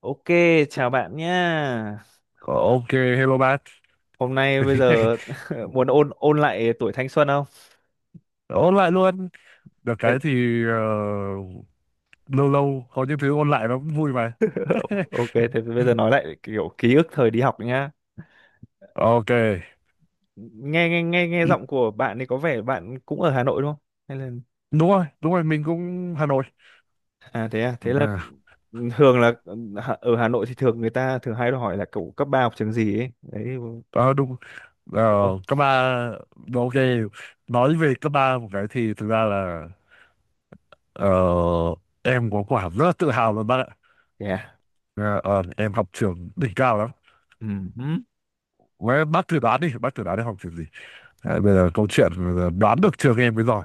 Ok, chào bạn nhá. Ok hello bạn. Hôm nay bây giờ muốn ôn ôn lại tuổi thanh xuân không? Ôn lại luôn. Được Bây- cái thì lâu lâu có những thứ ôn lại nó cũng vui mà. Ok, thế bây giờ nói lại kiểu ký ức thời đi học nhá. Ok. Nghe nghe nghe nghe giọng của bạn thì có vẻ bạn cũng ở Hà Nội đúng không? Hay là Đúng rồi, đúng rồi, mình cũng Hà Nội. À, thế là À, thường là Hà- ở Hà Nội thì thường người ta thường hay hỏi là cậu cấp ba học trường gì ấy. Đấy đúng ờ, đúng. ờ, không? cấp ba. Ok, nói về cấp ba một cái thì thực ra là ờ, em có quả rất là tự hào luôn bác ạ. Yeah. Ờ, em học trường đỉnh cao lắm. Với bác thử đoán đi, bác thử đoán đi học trường gì. À, bây giờ câu chuyện là đoán được trường em mới giỏi.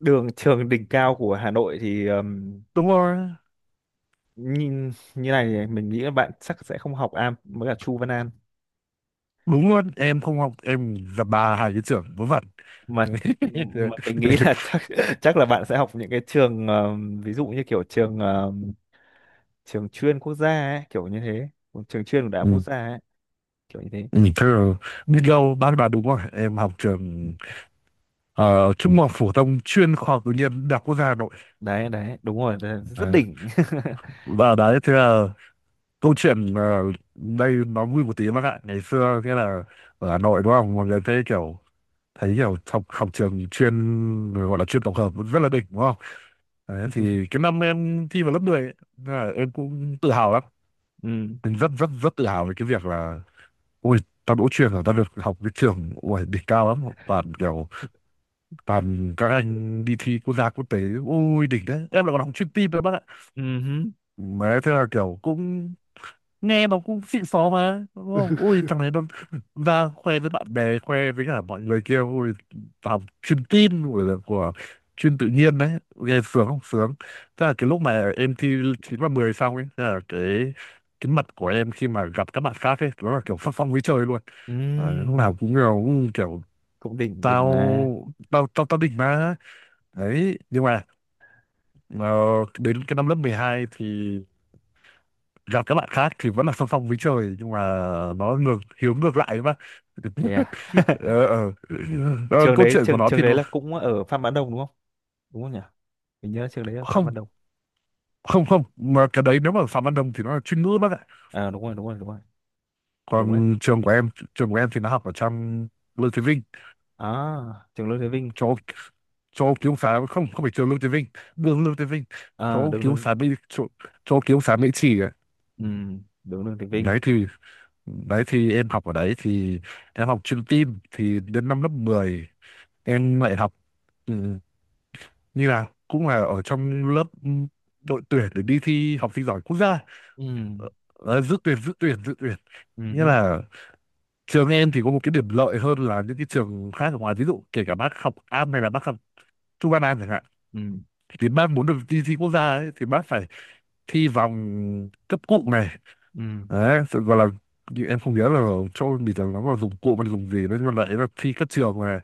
Đường trường đỉnh cao của Hà Nội thì Đúng rồi. nhìn như này thì mình nghĩ là bạn chắc sẽ không học Am với cả Chu Văn An Đúng luôn, em không học, em gặp bà hai cái trưởng vớ vẩn. mà mình nghĩ là chắc chắc là bạn sẽ học những cái trường ví dụ như kiểu trường trường chuyên quốc gia ấy, kiểu như thế trường chuyên của đại học quốc Ừ. gia ấy, kiểu như thế. Ừ, thế là biết đâu bác bà đúng rồi em học trường trung học phổ thông chuyên khoa học tự nhiên đại học quốc gia Hà Nội. Đấy đấy đúng rồi đấy, rất Đấy. đỉnh. Và đấy thế là câu chuyện đây nó vui một tí bác ạ. Ngày xưa thế là ở Hà Nội đúng không mọi người thấy kiểu, học học trường chuyên gọi là chuyên tổng hợp rất là đỉnh đúng không. Đấy, thì cái năm em thi vào lớp 10, ấy, thế là em cũng tự hào lắm. Ừ. Mình rất rất rất tự hào về cái việc là ôi tao đỗ chuyên rồi, tao được học cái trường ôi đỉnh cao lắm, toàn kiểu toàn các anh đi thi quốc gia quốc tế, ôi đỉnh đấy, em lại còn học chuyên tin đấy bác ạ. Ừ hứ. Mà thế là kiểu cũng nghe mà cũng xịn xó mà đúng không, ui thằng này nó ra khoe với bạn bè, khoe với cả mọi người kia, ui làm chuyên tin của chuyên tự nhiên đấy, nghe sướng không sướng. Thế là cái lúc mà em thi 9 và 10 xong ấy, thế là cái mặt của em khi mà gặp các bạn khác ấy nó là kiểu phát phong với trời luôn. Ừ, À, lúc nào cũng kiểu cũng đỉnh đỉnh mà. tao tao tao tao đỉnh mà. Đấy nhưng mà ờ, đến cái năm lớp 12 thì gặp các bạn khác thì vẫn là song song với trời nhưng mà nó ngược hiếu ngược lại mà. Thế à? Ờ, ờ. Ờ, Trường câu đấy, chuyện của trường nó trường thì đấy nó. là cũng ở Phạm Văn Đồng đúng không? Đúng không nhỉ? Mình nhớ trường đấy ở Phạm Văn Không, Đồng. không, không, mà cái đấy nếu mà Phạm Văn Đồng thì nó là chuyên ngữ bác ạ. À, đúng rồi. Đúng đấy. Còn trường của em, trường của em thì nó học ở trong Lương Thế Vinh, À, trường Lương Thế Vinh. chỗ chỗ ký túc xá. Không, không phải trường Lương Thế Vinh, đường Lương Thế Vinh, À, chỗ ký đường túc Lương. xá Mỹ, chỗ, chỗ ký túc xá Mỹ Trì ấy. Ừ, đường Lương Thế Vinh. Đấy thì, đấy thì em học ở đấy thì em học chuyên tin thì đến năm lớp 10 em lại học, ừ, như là cũng là ở trong lớp, ừ, đội tuyển để đi thi học sinh giỏi quốc gia. Ừ. Ờ, dự tuyển dự tuyển, Ừ nghĩa hứ. là trường em thì có một cái điểm lợi hơn là những cái trường khác ở ngoài, ví dụ kể cả bác học am hay là bác học trung văn an chẳng hạn, Ừ. thì bác muốn được đi thi quốc gia ấy, thì bác phải thi vòng cấp cụm này. Ừ. Đấy sự- gọi là, như em không nhớ là cho mình là nó là dùng cụm hay dùng gì đấy, nhưng mà lại là thi các trường này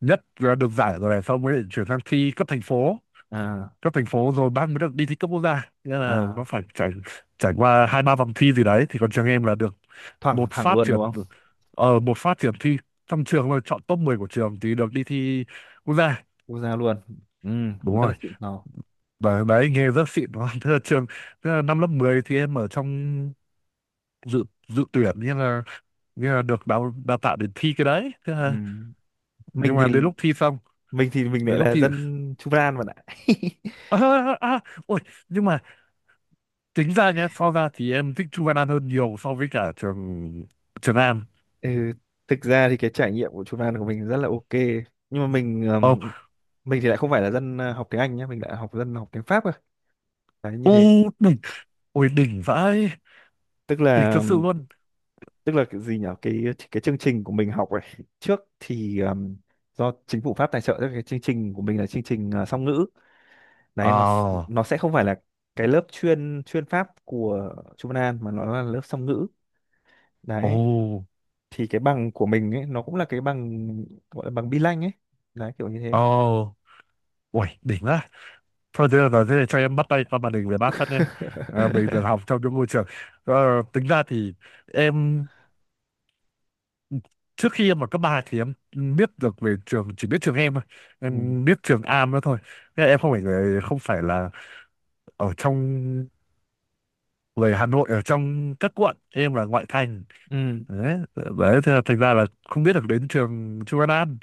nhất là được giải rồi này, xong mới chuyển sang thi cấp thành phố. À. Cấp thành phố rồi bạn mới được đi thi cấp quốc gia, nghĩa là nó À, phải trải, trải qua hai ba vòng thi gì đấy, thì còn trường em là được thẳng một thẳng phát luôn đúng triển, không? Một phát triển thi trong trường, là chọn top 10 của trường thì được đi thi quốc gia. Quốc gia luôn. Ừ, cũng Đúng rất là rồi. xịn sò. Đấy, đấy nghe rất xịn đúng không? Thế là trường, thế là năm lớp 10 thì em ở trong dự dự tuyển, nghĩa là, được đào đào tạo để thi cái đấy thế Ừ. là, nhưng mình thì mà đến lúc thi xong, mình thì mình lại đến lúc là thi. dân Chu Văn An bạn ạ. À, à, à, à, ôi. Nhưng mà tính ra nhé, so ra thì em thích Chu Văn An hơn nhiều so với cả trường Trường An. Ừ. Thực ra thì cái trải nghiệm của Chu Văn An của mình rất là ok, nhưng mà Ồ, mình thì lại không phải là dân học tiếng Anh nhé, mình lại học dân học tiếng Pháp cơ. Đấy như ô thế. đỉnh, ôi đỉnh vãi, Tức đỉnh là thật sự luôn. tức là cái gì nhỉ, cái chương trình của mình học ấy trước thì do chính phủ Pháp tài trợ cho cái chương trình của mình là chương trình song ngữ. Đấy nó s- À, nó sẽ không phải là cái lớp chuyên chuyên pháp của Trung Văn An mà nó là lớp song ngữ. Đấy ồ, thì cái bằng của mình ấy nó cũng là cái bằng, gọi là bằng bi lanh ấy, đấy kiểu như ồ, thế. ôi đỉnh quá. Thôi thế là thế này cho em bắt tay qua màn hình về bác phát nhé. À, mình được học trong những môi trường. Ờ, tính ra thì em trước khi em ở cấp 3 thì em biết được về trường chỉ biết trường em thôi, Ừ. em biết trường Am đó thôi. Thế là em không phải không phải là ở trong, về Hà Nội ở trong các quận, em là ngoại thành. Ừ. Đấy, đấy thế là thành ra là không biết được đến trường Chu Văn An.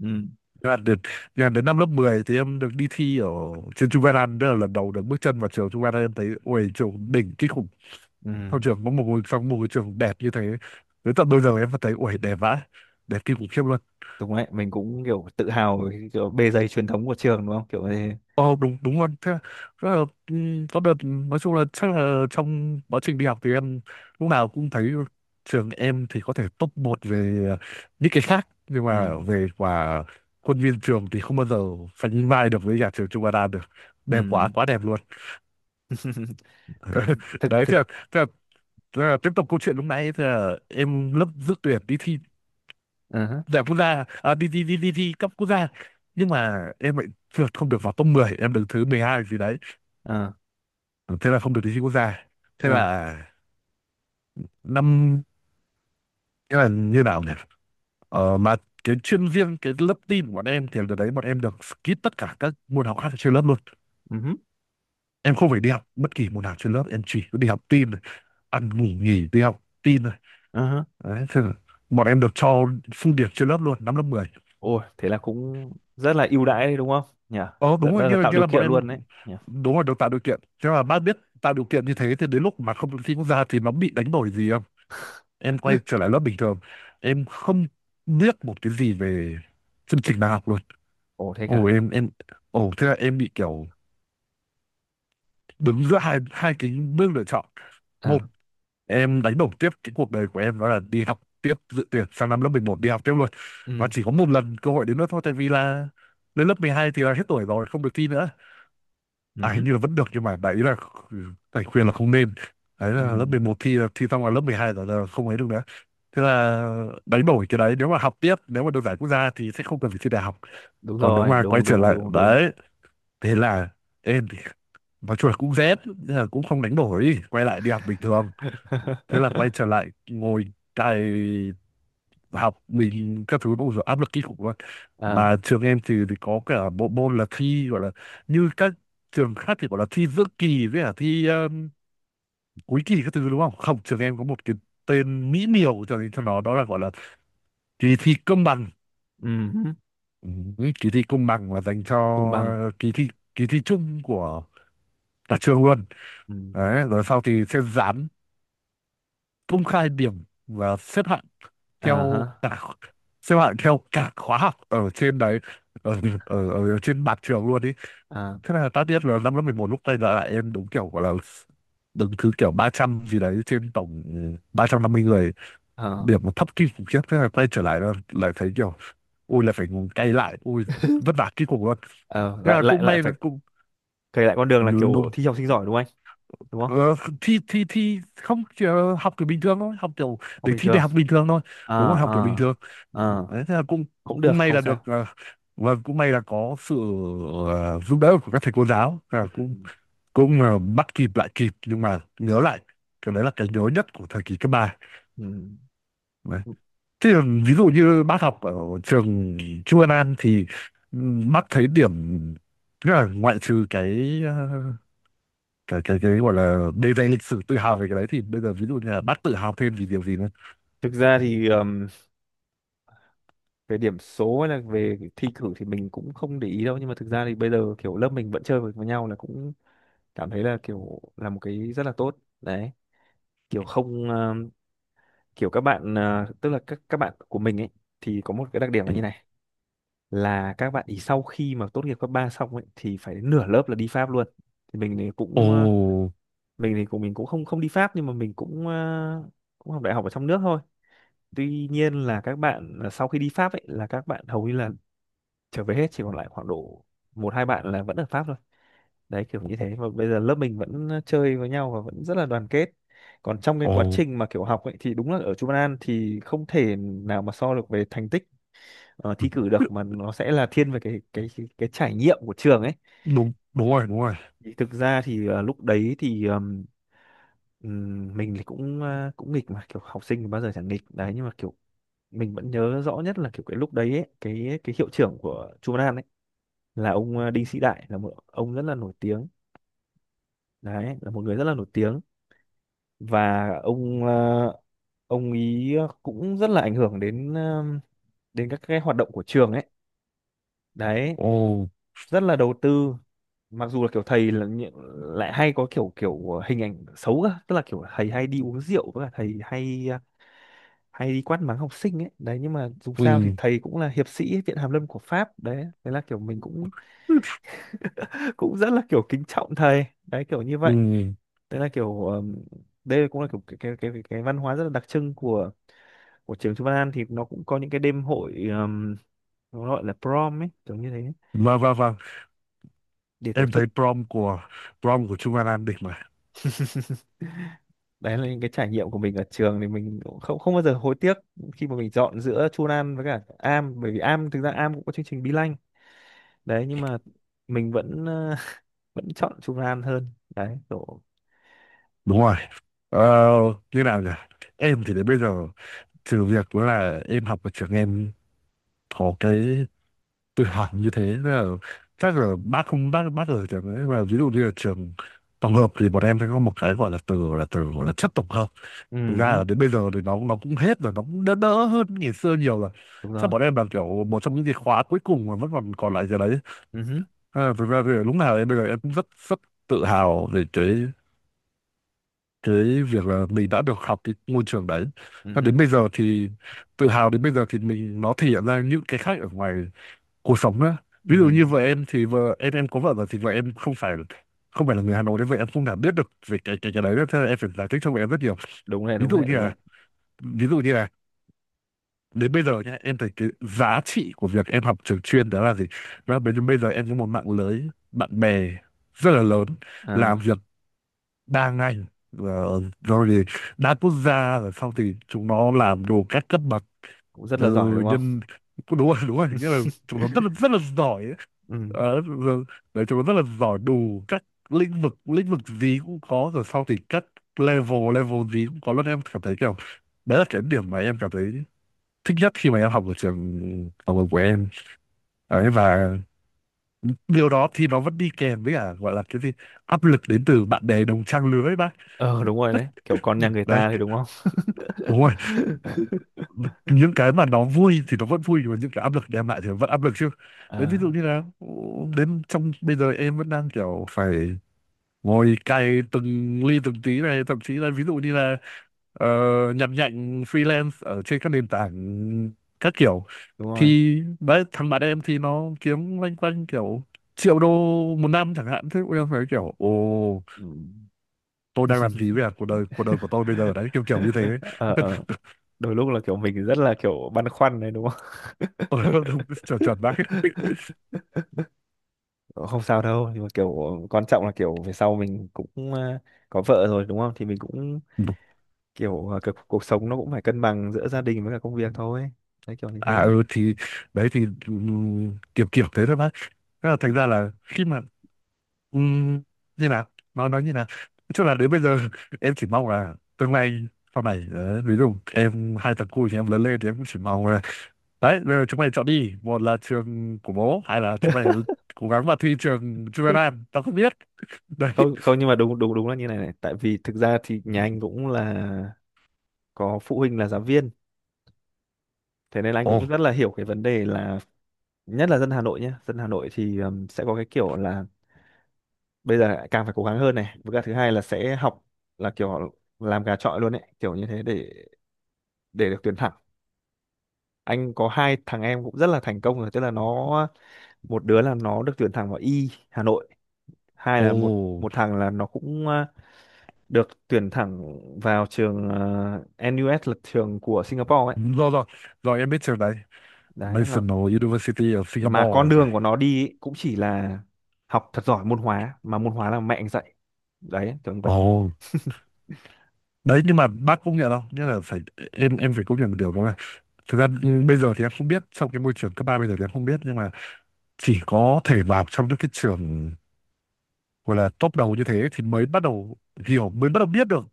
Ừ. Nhưng mà đến, nhưng mà đến năm lớp 10 thì em được đi thi ở trên Chu Văn An, đó là lần đầu được bước chân vào trường Chu Văn An, em thấy ui trường đỉnh kinh khủng. Ừ. Trong trường có một ngôi, trong một ngôi trường đẹp như thế, đến tận bây giờ em vẫn thấy ui đẹp vãi, đẹp kinh khủng khiếp luôn. Đúng đấy, mình cũng kiểu tự hào về cái kiểu bề dày truyền thống của trường đúng không, kiểu như thế. Ồ đúng, đúng luôn, thế là, rất là ừ, có đợt nói chung là chắc là trong quá trình đi học thì em lúc nào cũng thấy trường em thì có thể top một về những cái khác, nhưng Ừ. mà về quả khuôn viên trường thì không bao giờ sánh vai được với nhà trường Trung Hoa Đan được, Ừ. đẹp quá quá đẹp luôn. thực thực Đấy thực thế là, thế là, thế là tiếp tục câu chuyện lúc nãy, thế là em lớp dự tuyển đi thi Ờ hả. giải quốc gia. À, đi đi đi đi thi cấp quốc gia, nhưng mà em lại trượt, không được vào top 10, em đứng thứ 12 gì đấy, Ờ thế là không được đi thi quốc gia. Thế ờ. là năm, thế là như nào nhỉ, mà cái chuyên riêng cái lớp tin của bọn em thì đợt đấy bọn em được skip tất cả các môn học khác ở trên lớp luôn. Ừ hứ. Em không phải đi học bất kỳ môn nào trên lớp, em chỉ có đi học tin thôi, ăn ngủ nghỉ đi học tin thôi. Ờ hả. Đấy thế là bọn em được cho phương điểm trên lớp luôn năm lớp 10. Ôi, thế là cũng rất là ưu đãi đấy đúng không? Nhỉ? Ờ Rất đúng rồi là như là, tạo điều bọn kiện em luôn đấy. Nhỉ? đúng rồi được tạo điều kiện, thế mà bác biết tạo điều kiện như thế thì đến lúc mà không được thi quốc gia thì nó bị đánh đổi gì, em quay trở lại lớp bình thường, em không biết một cái gì về chương trình đại học luôn. Ồ thế Ồ cả. em, ồ thế là em bị kiểu đứng giữa hai hai cái bước lựa chọn. Một, À, em đánh đổi tiếp cái cuộc đời của em đó là đi học tiếp dự tuyển sang năm lớp 11 đi học tiếp luôn, và ừ, chỉ có một lần cơ hội đến nữa thôi tại vì là lên lớp 12 thì là hết tuổi rồi không được thi nữa. À, hình ừ, như là vẫn được nhưng mà đại ý là thầy khuyên là không nên. Đấy ừ, là lớp 11 thi là thi xong là lớp 12 rồi là không ấy được nữa, thế là đánh đổi cái đấy nếu mà học tiếp nếu mà được giải quốc gia thì sẽ không cần phải thi đại học. đúng Còn nếu rồi, mà quay đúng trở đúng lại đúng đúng. đấy, thế là em thì nói chung là cũng rét nhưng là cũng không đánh đổi, quay lại đi học bình thường. Thế là quay trở lại ngồi cày học mình các thứ nó cũng rồi áp lực kinh khủng luôn. À, Mà trường em thì có cả bộ môn là thi, gọi là như các trường khác thì gọi là thi giữa kỳ với cả thi cuối kỳ các thứ đúng không. Không, trường em có một cái tên mỹ miều cho nó, đó là gọi là kỳ thi công bằng. ừ, Ừ, kỳ thi công bằng là dành cho công bằng. Kỳ thi, kỳ thi chung của cả trường luôn. Ừ. Đấy rồi sau thì sẽ dán công khai điểm và xếp hạng À theo ha. cả, xếp hạng theo cả khóa học ở trên đấy, ở trên mặt trường luôn ý. À, Thế là tất nhiên là năm lớp 11 lúc đây là em đúng kiểu gọi là đứng thứ kiểu 300 gì đấy trên tổng ừ, 350 người, à, điểm thấp kinh khủng khiếp. Thế là quay trở lại là lại thấy kiểu ui là phải ngồi cày lại ui vất vả kinh khủng luôn. à, Nhưng lại mà lại cũng lại may là phải cũng kể lại con đường là đúng, kiểu đúng. thi học sinh giỏi đúng không anh? Đúng không? Ờ, thi thi thi không chỉ là học kiểu bình thường thôi, học kiểu Học để bình thi thường. đại học bình thường thôi. Đúng rồi. À. Học kiểu À. bình thường. À, Đấy, thế là cũng cũng được, cũng may không là được, sao. Và cũng may là có sự giúp đỡ của các thầy cô giáo. Thế là Ừ. cũng cũng ờ, bắt kịp, lại kịp, nhưng mà nhớ lại cái đấy là cái nhớ nhất của thời kỳ cấp ba Ừ. đấy. Thế là ví dụ như bác học ở trường Chu Văn An thì, bác thấy điểm, tức là ngoại trừ cái cái gọi là đề danh lịch sử, tự hào về cái đấy, thì bây giờ ví dụ như là bác tự hào thêm vì điều gì nữa? Thực ra thì về điểm số hay là về thi cử thì mình cũng không để ý đâu, nhưng mà thực ra thì bây giờ kiểu lớp mình vẫn chơi với nhau là cũng cảm thấy là kiểu là một cái rất là tốt đấy, kiểu không kiểu các bạn tức là các bạn của mình ấy thì có một cái đặc điểm là như này, là các bạn ý sau khi mà tốt nghiệp cấp 3 xong ấy thì phải đến nửa lớp là đi Pháp luôn. Thì mình thì Ồ, cũng mình thì của mình cũng không không đi Pháp, nhưng mà mình cũng cũng học đại học ở trong nước thôi. Tuy nhiên là các bạn sau khi đi Pháp ấy, là các bạn hầu như là trở về hết, chỉ còn lại khoảng độ một hai bạn là vẫn ở Pháp thôi. Đấy kiểu như thế, mà bây giờ lớp mình vẫn chơi với nhau và vẫn rất là đoàn kết. Còn trong cái ồ, quá trình mà kiểu học ấy thì đúng là ở Trung An thì không thể nào mà so được về thành tích thi cử được, mà nó sẽ là thiên về cái cái trải nghiệm của trường ấy. đúng đúng rồi, đúng rồi. Thì thực ra thì lúc đấy thì mình thì cũng cũng nghịch, mà kiểu học sinh thì bao giờ chẳng nghịch. Đấy nhưng mà kiểu mình vẫn nhớ rõ nhất là kiểu cái lúc đấy ấy, cái hiệu trưởng của Trung An ấy là ông Đinh Sĩ Đại, là một ông rất là nổi tiếng. Đấy là một người rất là nổi tiếng. Và ông ông ý cũng rất là ảnh hưởng đến đến các cái hoạt động của trường ấy. Đấy Ồ. rất là đầu tư. Mặc dù là kiểu thầy là nhị- lại hay có kiểu kiểu hình ảnh xấu cơ, tức là kiểu thầy hay đi uống rượu với cả thầy hay hay đi quát mắng học sinh ấy. Đấy nhưng mà dù sao thì Ừ, thầy cũng là hiệp sĩ viện hàn lâm của Pháp. Đấy thế là kiểu mình cũng cũng rất là kiểu kính trọng thầy đấy, kiểu như vậy. ừ. Đấy là kiểu đây cũng là kiểu cái văn hóa rất là đặc trưng của trường Chu Văn An. Thì nó cũng có những cái đêm hội nó gọi là prom ấy, kiểu như thế, Vâng, vâng, vâng. để tổ Em thấy chức. Prom của Trung Văn An đỉnh mà. Đấy là những cái trải nghiệm của mình ở trường thì mình cũng không không bao giờ hối tiếc khi mà mình chọn giữa Chu Văn An với cả Am, bởi vì Am thực ra Am cũng có chương trình Be Lanh. Đấy nhưng mà mình vẫn vẫn chọn Chu Văn An hơn đấy kiểu. Đúng rồi. Ờ, Như nào nhỉ? Em thì đến bây giờ, trừ việc đó là em học ở trường em có cái tự học như thế, nên là chắc là bác không bác bác ở trường ấy, mà ví dụ như là trường tổng hợp, thì bọn em sẽ có một cái gọi là từ gọi là chất tổng hợp. Ừ Thực ra hứ. là đến bây giờ thì nó cũng hết rồi, nó cũng đỡ, đỡ hơn ngày xưa nhiều rồi. Đúng Chắc rồi. bọn em là kiểu một trong những cái khóa cuối cùng mà vẫn còn còn lại giờ đấy. Ừ hứ. À, thực ra thì lúc nào em, bây giờ em cũng rất rất tự hào về cái việc là mình đã được học cái môi trường đấy. Ừ Và hứ. đến bây giờ thì, tự hào đến bây giờ thì mình, nó thể hiện ra những cái khác ở ngoài cuộc sống á. Ừ Ví dụ hứ. như vợ em, thì vợ em có vợ rồi, thì vợ em không phải, không phải là người Hà Nội đấy, vậy em không nào biết được về cái đấy nữa. Thế là em phải giải thích cho vợ em rất nhiều, đúng đấy ví đúng dụ đấy như đúng đấy là, ví dụ như là đến bây giờ nhá, em thấy cái giá trị của việc em học trường chuyên đó là gì, và là bây giờ em có một mạng lưới bạn bè rất là lớn, làm À, việc đa ngành, rồi thì đa quốc gia, rồi sau thì chúng nó làm đủ các cấp bậc, cũng rất là giỏi từ đúng không? nhân. Đúng rồi, đúng rồi, nghĩa là chúng nó rất là rất là giỏi ấy. Ừ. Ờ, rồi- Đấy, chúng nó rất là giỏi, đủ các lĩnh vực, lĩnh vực gì cũng có, rồi sau thì các level, level gì cũng có luôn. Em cảm thấy kiểu đấy là cái điểm mà em cảm thấy thích nhất khi mà em học ở trường học của em. Đấy, và điều đó thì nó vẫn đi kèm với cả gọi là cái gì, áp lực đến từ bạn bè đồng trang lứa ấy bác. Ờ đúng rồi đấy, kiểu con nhà người Đấy. ta thì đúng không? Đúng rồi, những cái mà nó vui thì nó vẫn vui, nhưng mà những cái áp lực đem lại thì nó vẫn áp lực chứ. Đấy, ví dụ À, như là đến trong bây giờ em vẫn đang kiểu phải ngồi cày từng ly từng tí này, thậm chí là ví dụ như là, ờ, nhặt nhạnh freelance ở trên các nền tảng các kiểu, đúng rồi. thì đấy, thằng bạn em thì nó kiếm loanh quanh kiểu triệu đô một năm chẳng hạn, thế bọn em phải kiểu, ồ, Ừ. tôi đang làm gì với cả cuộc đời của tôi bây giờ? Đấy, kiểu kiểu như thế. Ờ ờ. Đôi lúc là kiểu mình rất là kiểu băn khoăn đấy đúng không? Tôi chuẩn, chuẩn bác. Không sao đâu, nhưng mà kiểu quan trọng là kiểu về sau mình cũng có vợ rồi đúng không, thì mình cũng kiểu cuộc, cuộc sống nó cũng phải cân bằng giữa gia đình với cả công việc thôi. Đấy kiểu như À, thế. ừ thì đấy thì, kiểu kiểu thế thôi bác. Thế là Ừ. thành ra là khi mà, ừm, như nào, nó nói như nào, nói chung là đến bây giờ em chỉ mong là tương lai sau này, ví dụ em hai thằng cu thì em lớn lên, thì em cũng chỉ mong là, đấy, bây giờ chúng mày chọn đi, một là trường của bố, hay là chúng mày cố gắng vào thi trường chuyên, Nam tao không biết. Đấy. Không không, nhưng mà đúng đúng đúng là như này này, tại vì thực ra thì nhà anh cũng là có phụ huynh là giáo viên, thế nên là anh Ồ. cũng rất là hiểu cái vấn đề là, nhất là dân Hà Nội nhé, dân Hà Nội thì sẽ có cái kiểu là bây giờ càng phải cố gắng hơn này, với cả thứ hai là sẽ học là kiểu làm gà chọi luôn ấy, kiểu như thế để được tuyển thẳng. Anh có hai thằng em cũng rất là thành công rồi, tức là nó một đứa là nó được tuyển thẳng vào Y Hà Nội, hai Ồ. là một một thằng là nó cũng được tuyển thẳng vào trường NUS là trường của Singapore ấy. Rồi, rồi, rồi, em biết trường đấy. Đấy là National University of mà Singapore con rồi phải. đường của nó đi ấy, cũng chỉ là học thật giỏi môn hóa, mà môn hóa là mẹ anh dạy. Đấy kiểu như vậy. Ồ. Đấy nhưng mà bác cũng nhận đâu, nghĩa là phải, em phải công nhận một điều đó là, thực ra ừ, bây giờ thì em không biết trong cái môi trường cấp ba bây giờ thì em không biết, nhưng mà chỉ có thể vào trong những cái trường gọi là top đầu như thế thì mới bắt đầu hiểu, mới bắt đầu biết được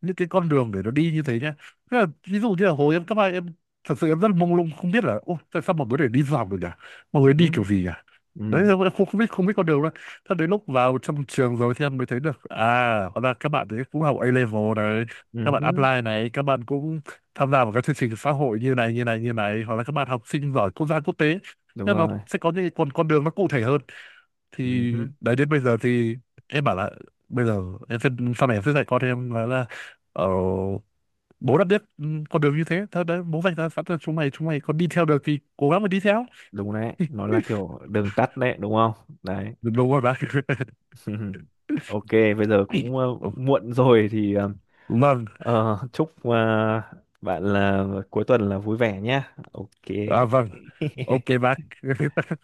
những cái con đường để nó đi như thế nhá. Thế là, ví dụ như là hồi em cấp hai, em thật sự em rất mông lung, không biết là, ô, tại sao mọi người để đi dọc được nhỉ, mọi người Ừ. đi kiểu gì nhỉ? Ừ. Đấy, em không biết con đường đâu. Thế đến lúc vào trong trường rồi thì em mới thấy được, à, hóa ra các bạn đấy cũng học A level này, các bạn Ừ. apply này, các bạn cũng tham gia vào các chương trình xã hội như này, như này, như này, hoặc là các bạn học sinh giỏi quốc gia, quốc tế, Đúng nên nó rồi. sẽ có những con đường nó cụ thể hơn thì. Ừ. Đấy, đến bây giờ thì em bảo là, bây giờ em sẽ, sau này em sẽ dạy con em ờ, bố đã biết, ừ, con đường như thế thôi đấy, bố vạch ra sẵn cho chúng mày, chúng mày còn đi theo được thì cố gắng mà đi theo. Đúng đấy, nó là kiểu đường tắt đấy đúng không? Đấy. Đúng rồi bác. Ok, bây giờ cũng Ồ, muộn rồi thì vâng. Chúc bạn là cuối tuần là vui vẻ nhá. Ok. À, vâng, ok bác.